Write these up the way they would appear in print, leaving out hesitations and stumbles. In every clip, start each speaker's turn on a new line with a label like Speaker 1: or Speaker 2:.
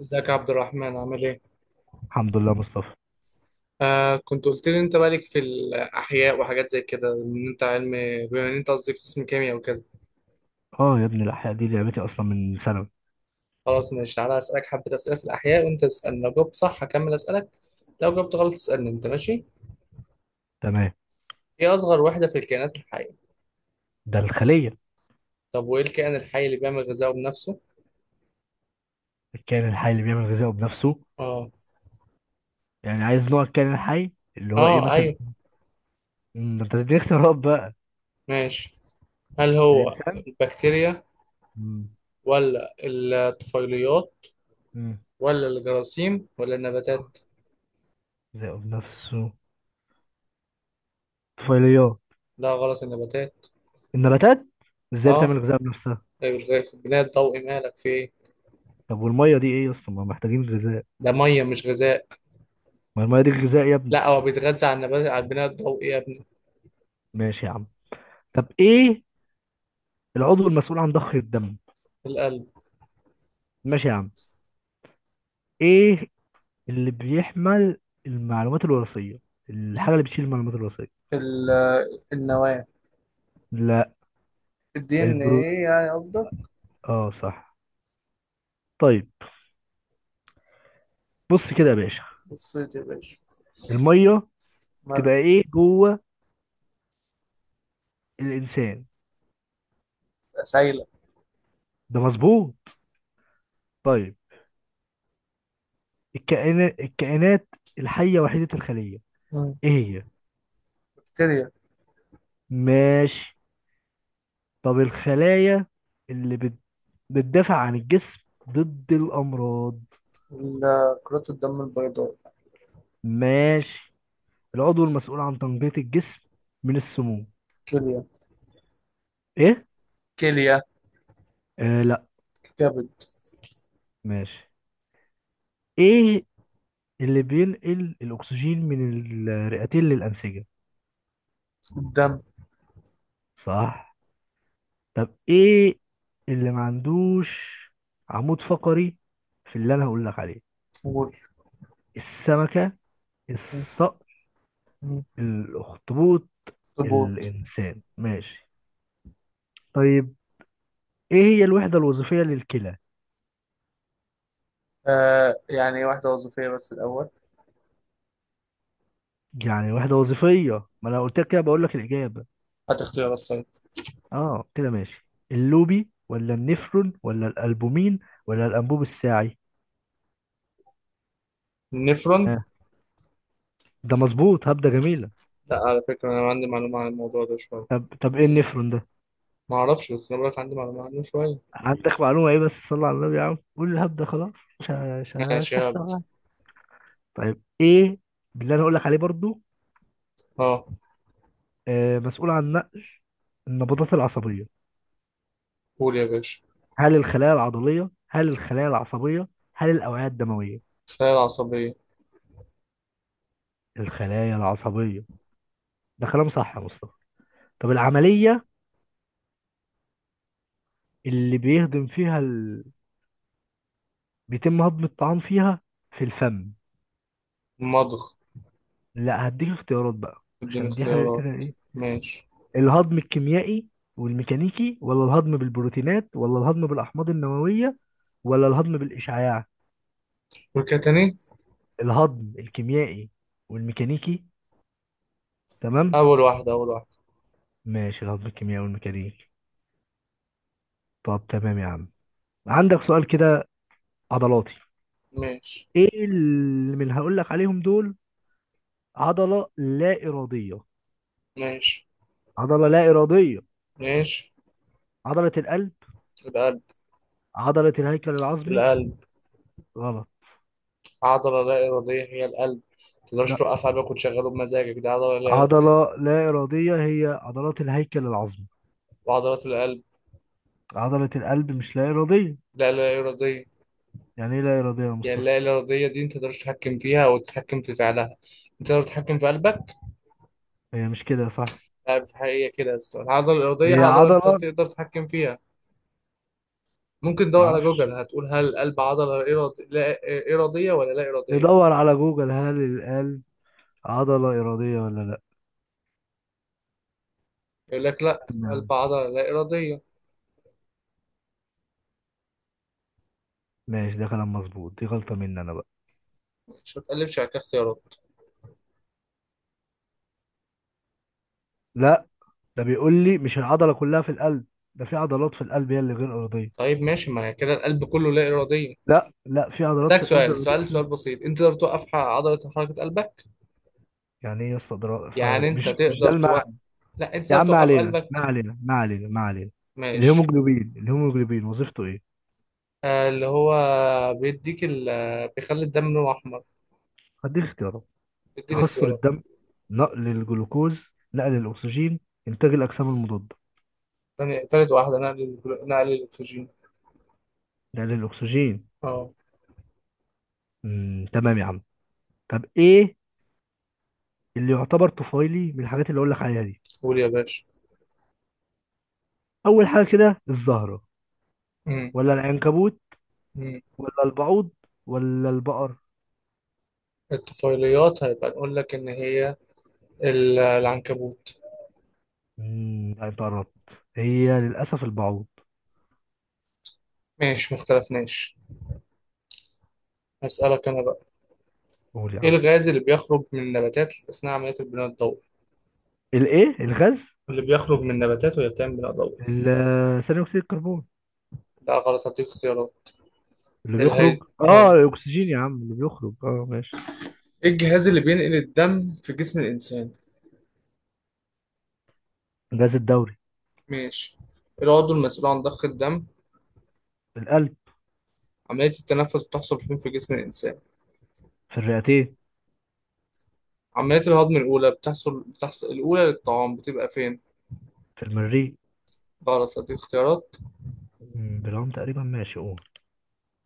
Speaker 1: ازيك يا عبد الرحمن؟ عامل ايه؟
Speaker 2: الحمد لله مصطفى.
Speaker 1: آه، كنت قلت لي انت بالك في الاحياء وحاجات زي كده، ان انت علم، بما ان انت قصدي قسم كيمياء وكده.
Speaker 2: اه يا ابني الاحياء دي لعبتي اصلا من ثانوي.
Speaker 1: خلاص ماشي، تعالى اسالك حبه اسئله في الاحياء، وانت تسالني. لو جاوبت صح هكمل اسالك، لو جاوبت غلط تسالني انت. ماشي؟
Speaker 2: تمام.
Speaker 1: ايه اصغر وحده في الكائنات الحيه؟
Speaker 2: ده الخليه.
Speaker 1: طب وايه الكائن الحي اللي بيعمل غذائه بنفسه؟
Speaker 2: الكائن الحي اللي بيعمل غذائه بنفسه،
Speaker 1: اه.
Speaker 2: يعني عايز نوع الكائن الحي اللي هو ايه
Speaker 1: اه
Speaker 2: مثلا.
Speaker 1: ايوه.
Speaker 2: ده انت تديني اختيارات بقى.
Speaker 1: ماشي. هل هو
Speaker 2: الانسان.
Speaker 1: البكتيريا،
Speaker 2: مم.
Speaker 1: ولا الطفيليات،
Speaker 2: مم.
Speaker 1: ولا الجراثيم، ولا النباتات؟
Speaker 2: غذائه بنفسه، طفيليات.
Speaker 1: لا غلط، النباتات.
Speaker 2: النباتات. ازاي
Speaker 1: اه.
Speaker 2: بتعمل غذاء بنفسها؟
Speaker 1: لا مش غاز البناء الضوئي، مالك في ايه؟
Speaker 2: طب والميه دي ايه يا اسطى، ما محتاجين غذاء.
Speaker 1: ده ميه مش غذاء.
Speaker 2: ما الميه دي غذاء يا ابني.
Speaker 1: لا هو بيتغذى على النبات، على البناء الضوئي يا ابني.
Speaker 2: ماشي يا عم. طب ايه العضو المسؤول عن ضخ الدم؟
Speaker 1: القلب.
Speaker 2: ماشي يا عم. ايه اللي بيحمل المعلومات الوراثية، الحاجة اللي بتشيل المعلومات الوراثية؟
Speaker 1: ال- النواه.
Speaker 2: لا.
Speaker 1: الدي ان
Speaker 2: البرو
Speaker 1: ايه يعني قصدك.
Speaker 2: اه صح. طيب بص كده يا باشا،
Speaker 1: بصيت يا باشا.
Speaker 2: المية
Speaker 1: مالك.
Speaker 2: بتبقى ايه جوه الانسان؟
Speaker 1: سايله.
Speaker 2: ده مظبوط. طيب الكائنات الحية وحيدة الخلية،
Speaker 1: مم.
Speaker 2: ايه هي؟
Speaker 1: بكتيريا.
Speaker 2: ماشي. طب الخلايا اللي بتدافع عن الجسم ضد الامراض؟
Speaker 1: كرات الدم البيضاء.
Speaker 2: ماشي. العضو المسؤول عن تنقية الجسم من السموم؟
Speaker 1: كليه.
Speaker 2: ايه؟
Speaker 1: كليه.
Speaker 2: آه لا.
Speaker 1: كبد.
Speaker 2: ماشي. ايه اللي بينقل الأكسجين من الرئتين للأنسجة؟
Speaker 1: الدم.
Speaker 2: صح. طب إيه اللي ما عندوش عمود فقري في اللي أنا هقول لك عليه؟
Speaker 1: قول.
Speaker 2: السمكة،
Speaker 1: مم.
Speaker 2: الصقر،
Speaker 1: مم.
Speaker 2: الأخطبوط،
Speaker 1: طبول.
Speaker 2: الإنسان. ماشي. طيب إيه هي الوحدة الوظيفية للكلى؟
Speaker 1: آه يعني واحده وظيفيه بس الاول.
Speaker 2: يعني وحدة وظيفية، ما أنا قلت لك كده، بقول لك الإجابة.
Speaker 1: هات اختيارات طيب.
Speaker 2: آه كده ماشي، اللوبي ولا النفرون ولا الألبومين ولا الأنبوب الساعي؟
Speaker 1: النفرون.
Speaker 2: آه. ده مظبوط، هبدة جميلة.
Speaker 1: لا على فكره انا عندي معلومه عن الموضوع ده شويه.
Speaker 2: طب ايه النفرون ده؟
Speaker 1: ما اعرفش، بس انا بقولك عندي معلومه عنه شويه.
Speaker 2: عندك معلومة ايه بس؟ صلى على النبي يا عم قول الهبد ده خلاص.
Speaker 1: ماشي.
Speaker 2: مش هحسب معاك. طيب ايه باللي انا هقول لك عليه برضو؟
Speaker 1: اه.
Speaker 2: آه، مسؤول عن نقل النبضات العصبية.
Speaker 1: قول يا باشا.
Speaker 2: هل الخلايا العضلية، هل الخلايا العصبية، هل الأوعية الدموية؟
Speaker 1: خلايا عصبية.
Speaker 2: الخلايا العصبية، ده كلام صح يا مصطفى. طب العملية اللي بيتم هضم الطعام فيها في الفم؟
Speaker 1: مضغ.
Speaker 2: لا هديك اختيارات بقى
Speaker 1: اديني
Speaker 2: عشان دي حاجة كده،
Speaker 1: اختيارات.
Speaker 2: إيه؟
Speaker 1: ماشي.
Speaker 2: الهضم الكيميائي والميكانيكي، ولا الهضم بالبروتينات، ولا الهضم بالأحماض النووية، ولا الهضم بالإشعاع؟
Speaker 1: قول كده تاني.
Speaker 2: الهضم الكيميائي والميكانيكي. تمام.
Speaker 1: أول واحدة، أول واحدة.
Speaker 2: ماشي الهضم الكيميائي والميكانيكي. طب تمام يا عم، عندك سؤال كده عضلاتي.
Speaker 1: ماشي.
Speaker 2: ايه اللي من هقول لك عليهم دول عضلة لا إرادية؟
Speaker 1: ماشي،
Speaker 2: عضلة لا إرادية،
Speaker 1: ماشي.
Speaker 2: عضلة القلب،
Speaker 1: القلب.
Speaker 2: عضلة الهيكل العظمي.
Speaker 1: القلب.
Speaker 2: غلط.
Speaker 1: عضلة لا إرادية هي القلب. متقدرش
Speaker 2: لا،
Speaker 1: توقف قلبك وتشغله بمزاجك، دي عضلة لا إرادية.
Speaker 2: عضلة لا إرادية هي عضلات الهيكل العظمي،
Speaker 1: وعضلات القلب.
Speaker 2: عضلة القلب مش لا إرادية.
Speaker 1: لا، لا إرادية.
Speaker 2: يعني ايه لا إرادية يا
Speaker 1: يعني
Speaker 2: مصطفى؟
Speaker 1: اللا إرادية دي أنت متقدرش تتحكم فيها أو تتحكم في فعلها. أنت تقدر تتحكم في قلبك؟
Speaker 2: هي مش كده صح؟
Speaker 1: لا، في الحقيقة كده يا أسطى. العضلة الإرادية
Speaker 2: هي
Speaker 1: عضلة أنت
Speaker 2: عضلة.
Speaker 1: تقدر تتحكم فيها. ممكن تدور على جوجل،
Speaker 2: معرفش.
Speaker 1: هتقول هل القلب عضلة إرادي... لا. إرادية ولا لا إرادية.
Speaker 2: ندور على جوجل هل القلب عضلة إرادية ولا لا.
Speaker 1: يقول لك لا. قلب
Speaker 2: نعم.
Speaker 1: عضلة لا إرادية.
Speaker 2: ماشي ده كلام مظبوط، دي غلطة مني أنا بقى.
Speaker 1: مش هتقلبش على كده اختيارات؟
Speaker 2: لا، ده بيقول لي مش العضلة كلها في القلب، ده في عضلات في القلب هي اللي غير إرادية.
Speaker 1: طيب ماشي، ما هي كده القلب كله لا إرادية.
Speaker 2: لا لا، في عضلات
Speaker 1: أسألك
Speaker 2: في القلب
Speaker 1: سؤال،
Speaker 2: إرادية
Speaker 1: سؤال، سؤال
Speaker 2: وفي-.
Speaker 1: بسيط، أنت تقدر توقف عضلة حركة قلبك؟
Speaker 2: يعني إيه يا اسطى، ده رأي في حر-،
Speaker 1: يعني أنت
Speaker 2: مش ده
Speaker 1: تقدر توقف.
Speaker 2: المعنى.
Speaker 1: لا أنت
Speaker 2: يا
Speaker 1: تقدر
Speaker 2: عم ما
Speaker 1: توقف
Speaker 2: علينا
Speaker 1: قلبك.
Speaker 2: ما علينا ما علينا ما علينا.
Speaker 1: ماشي.
Speaker 2: الهيموجلوبين، الهيموجلوبين وظيفته إيه؟
Speaker 1: آه اللي هو بيديك ال... بيخلي الدم لونه أحمر.
Speaker 2: هديك اختيارات:
Speaker 1: اديني
Speaker 2: تخثر
Speaker 1: اختيارات.
Speaker 2: الدم، نقل الجلوكوز، نقل الأكسجين، إنتاج الأجسام المضادة.
Speaker 1: تاني، تالت واحدة، نقل الأكسجين.
Speaker 2: نقل الأكسجين.
Speaker 1: اه.
Speaker 2: مم. تمام يا عم. طب إيه اللي يعتبر طفيلي من الحاجات اللي أقول لك عليها دي؟
Speaker 1: قول يا باشا.
Speaker 2: أول حاجة كده الزهرة،
Speaker 1: مم.
Speaker 2: ولا العنكبوت،
Speaker 1: مم.
Speaker 2: ولا البعوض، ولا البقر؟
Speaker 1: الطفيليات هيبقى نقول لك إن هي العنكبوت.
Speaker 2: مم. لا، أنت قربت، هي للأسف البعوض.
Speaker 1: ماشي مختلفناش. هسألك أنا بقى.
Speaker 2: قول يا
Speaker 1: إيه
Speaker 2: عم.
Speaker 1: الغاز اللي بيخرج من النباتات أثناء عملية البناء الضوئي؟
Speaker 2: الإيه الغاز؟
Speaker 1: اللي بيخرج من النباتات وهي بتعمل بناء ضوئي.
Speaker 2: ثاني أكسيد الكربون.
Speaker 1: لا غلط، هديك اختيارات.
Speaker 2: اللي
Speaker 1: الهي.
Speaker 2: بيخرج،
Speaker 1: آه.
Speaker 2: الاكسجين يا عم اللي بيخرج، اه ماشي.
Speaker 1: إيه الجهاز اللي بينقل الدم في جسم الإنسان؟
Speaker 2: الغاز الدوري.
Speaker 1: ماشي. العضو المسؤول عن ضخ الدم.
Speaker 2: في القلب.
Speaker 1: عملية التنفس بتحصل فين في جسم الإنسان؟
Speaker 2: في الرئتين.
Speaker 1: عملية الهضم الأولى بتحصل الأولى للطعام بتبقى فين؟
Speaker 2: في المريء.
Speaker 1: غلط، هديك اختيارات.
Speaker 2: بالعوم تقريبا، ماشي اه.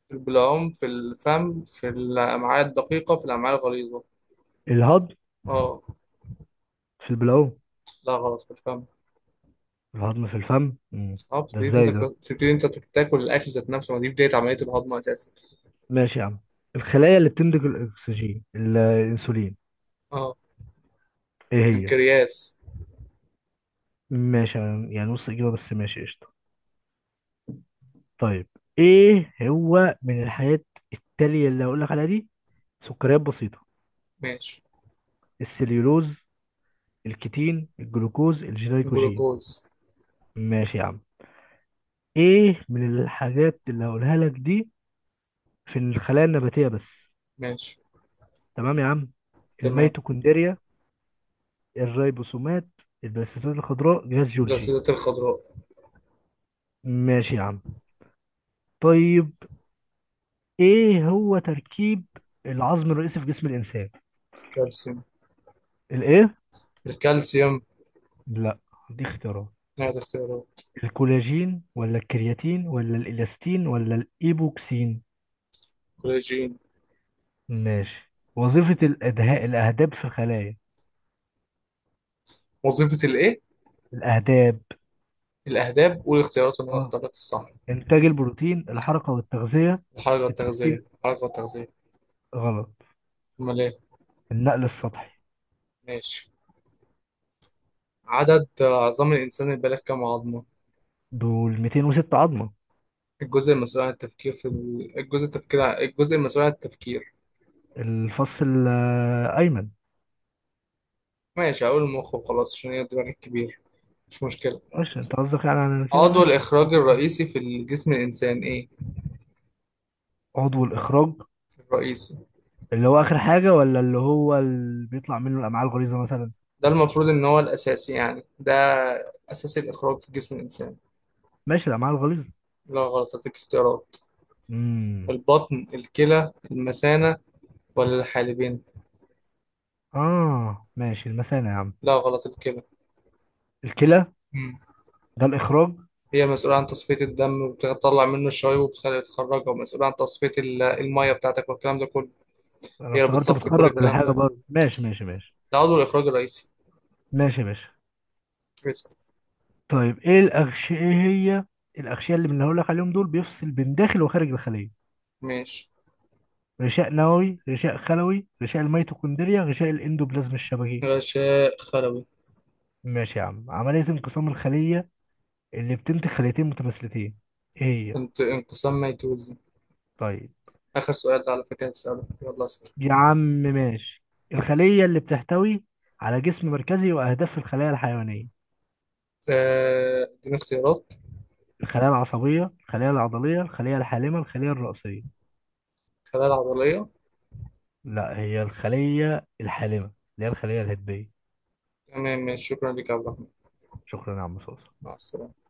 Speaker 1: في البلعوم، في الفم، في الأمعاء الدقيقة، في الأمعاء الغليظة.
Speaker 2: الهضم
Speaker 1: اه.
Speaker 2: في البلعوم.
Speaker 1: لا غلط، في الفم.
Speaker 2: الهضم في الفم.
Speaker 1: اه.
Speaker 2: ده
Speaker 1: بتبتدي انت
Speaker 2: ازاي ده؟
Speaker 1: بتبتدي انت تاكل الأكل ذات نفسه، ما دي بداية عملية الهضم أساسا.
Speaker 2: ماشي يا عم. الخلايا اللي بتنتج الاكسجين الانسولين،
Speaker 1: اه
Speaker 2: ايه هي؟
Speaker 1: بنكرياس.
Speaker 2: ماشي. يعني نص اجابه بس، ماشي قشطه. طيب ايه هو من الحاجات التاليه اللي هقول لك عليها دي؟ سكريات بسيطه،
Speaker 1: ماشي.
Speaker 2: السليولوز، الكيتين، الجلوكوز، الجلايكوجين.
Speaker 1: جلوكوز.
Speaker 2: ماشي يا عم. ايه من الحاجات اللي هقولها لك دي في الخلايا النباتيه بس؟
Speaker 1: ماشي.
Speaker 2: تمام يا عم.
Speaker 1: تمام.
Speaker 2: الميتوكوندريا، الريبوسومات، البلاستيدات الخضراء، جهاز جولجي.
Speaker 1: الأسيدة الخضراء.
Speaker 2: ماشي يا عم. طيب ايه هو تركيب العظم الرئيسي في جسم الانسان؟
Speaker 1: كالسيوم.
Speaker 2: الايه؟
Speaker 1: الكالسيوم.
Speaker 2: لا. دي اختيارات:
Speaker 1: نهاية اختيارات.
Speaker 2: الكولاجين، ولا الكرياتين، ولا الالاستين، ولا الايبوكسين؟
Speaker 1: كولاجين.
Speaker 2: ماشي. وظيفة الادهاء الاهداب في الخلايا؟
Speaker 1: وظيفة الإيه؟
Speaker 2: الاهداب.
Speaker 1: الأهداب، والاختيارات اللي أنا
Speaker 2: اه،
Speaker 1: اخترت الصح.
Speaker 2: انتاج البروتين، الحركة والتغذية،
Speaker 1: الحركة التغذية،
Speaker 2: التمثيل.
Speaker 1: الحركة التغذية.
Speaker 2: غلط.
Speaker 1: أمال إيه؟
Speaker 2: النقل السطحي.
Speaker 1: ماشي. عدد عظام الإنسان البالغ كم عظمة؟
Speaker 2: دول 206 عظمة.
Speaker 1: الجزء المسؤول عن التفكير في ال- الجزء التفكير ع- الجزء المسؤول عن التفكير.
Speaker 2: الفص الأيمن.
Speaker 1: ماشي هقول المخ وخلاص، عشان هي دماغك كبير. مش مشكلة.
Speaker 2: ماشي انت قصدك يعني، على كده
Speaker 1: عضو
Speaker 2: ماشي.
Speaker 1: الإخراج الرئيسي في الجسم الإنسان إيه؟
Speaker 2: عضو الاخراج
Speaker 1: الرئيسي.
Speaker 2: اللي هو اخر حاجه، ولا اللي هو اللي بيطلع منه الامعاء الغليظه مثلا؟
Speaker 1: ده المفروض إن هو الأساسي يعني، ده أساسي الإخراج في جسم الإنسان.
Speaker 2: ماشي الامعاء الغليظه.
Speaker 1: لا غلط، هديك اختيارات.
Speaker 2: امم
Speaker 1: البطن، الكلى، المثانة، ولا الحالبين.
Speaker 2: اه ماشي المثانه يا عم.
Speaker 1: لا غلط، الكلى.
Speaker 2: الكلى.
Speaker 1: مم.
Speaker 2: ده الاخراج؟
Speaker 1: هي مسؤولة عن تصفية الدم، وبتطلع منه الشوائب، وبتخليه يتخرجها، ومسؤولة عن تصفية المية بتاعتك والكلام ده كله.
Speaker 2: انا
Speaker 1: هي
Speaker 2: افتكرت
Speaker 1: بتصفي كل
Speaker 2: بتخرج
Speaker 1: الكلام
Speaker 2: الحاجه
Speaker 1: ده.
Speaker 2: برضه، ماشي ماشي ماشي.
Speaker 1: ده عضو الإخراج الرئيسي.
Speaker 2: ماشي يا باشا.
Speaker 1: اسأل.
Speaker 2: طيب ايه الاغشيه، ايه هي الاغشيه اللي بنقول لك عليهم دول بيفصل بين داخل وخارج الخليه؟
Speaker 1: ماشي.
Speaker 2: غشاء نووي، غشاء خلوي، غشاء الميتوكوندريا، غشاء الاندوبلازم الشبكي.
Speaker 1: غشاء خلوي.
Speaker 2: ماشي يا عم. عمليه انقسام الخليه اللي بتنتج خليتين متماثلتين، ايه هي؟
Speaker 1: انت انقسام ميتوزي.
Speaker 2: طيب
Speaker 1: آخر سؤال ده على فكرة هتسأله، يلا اسأل.
Speaker 2: يا عم ماشي. الخلية اللي بتحتوي على جسم مركزي وأهداف الخلايا الحيوانية؟
Speaker 1: آه، اديني اختيارات.
Speaker 2: الخلايا العصبية، الخلايا العضلية، الخلية الحالمة، الخلية الرئوسية.
Speaker 1: خلايا عضلية.
Speaker 2: لا، هي الخلية الحالمة اللي هي الخلية الهدبية.
Speaker 1: تمام ماشي، شكرا لك يا عبد الرحمن.
Speaker 2: شكرا يا عم صوص.
Speaker 1: مع السلامة.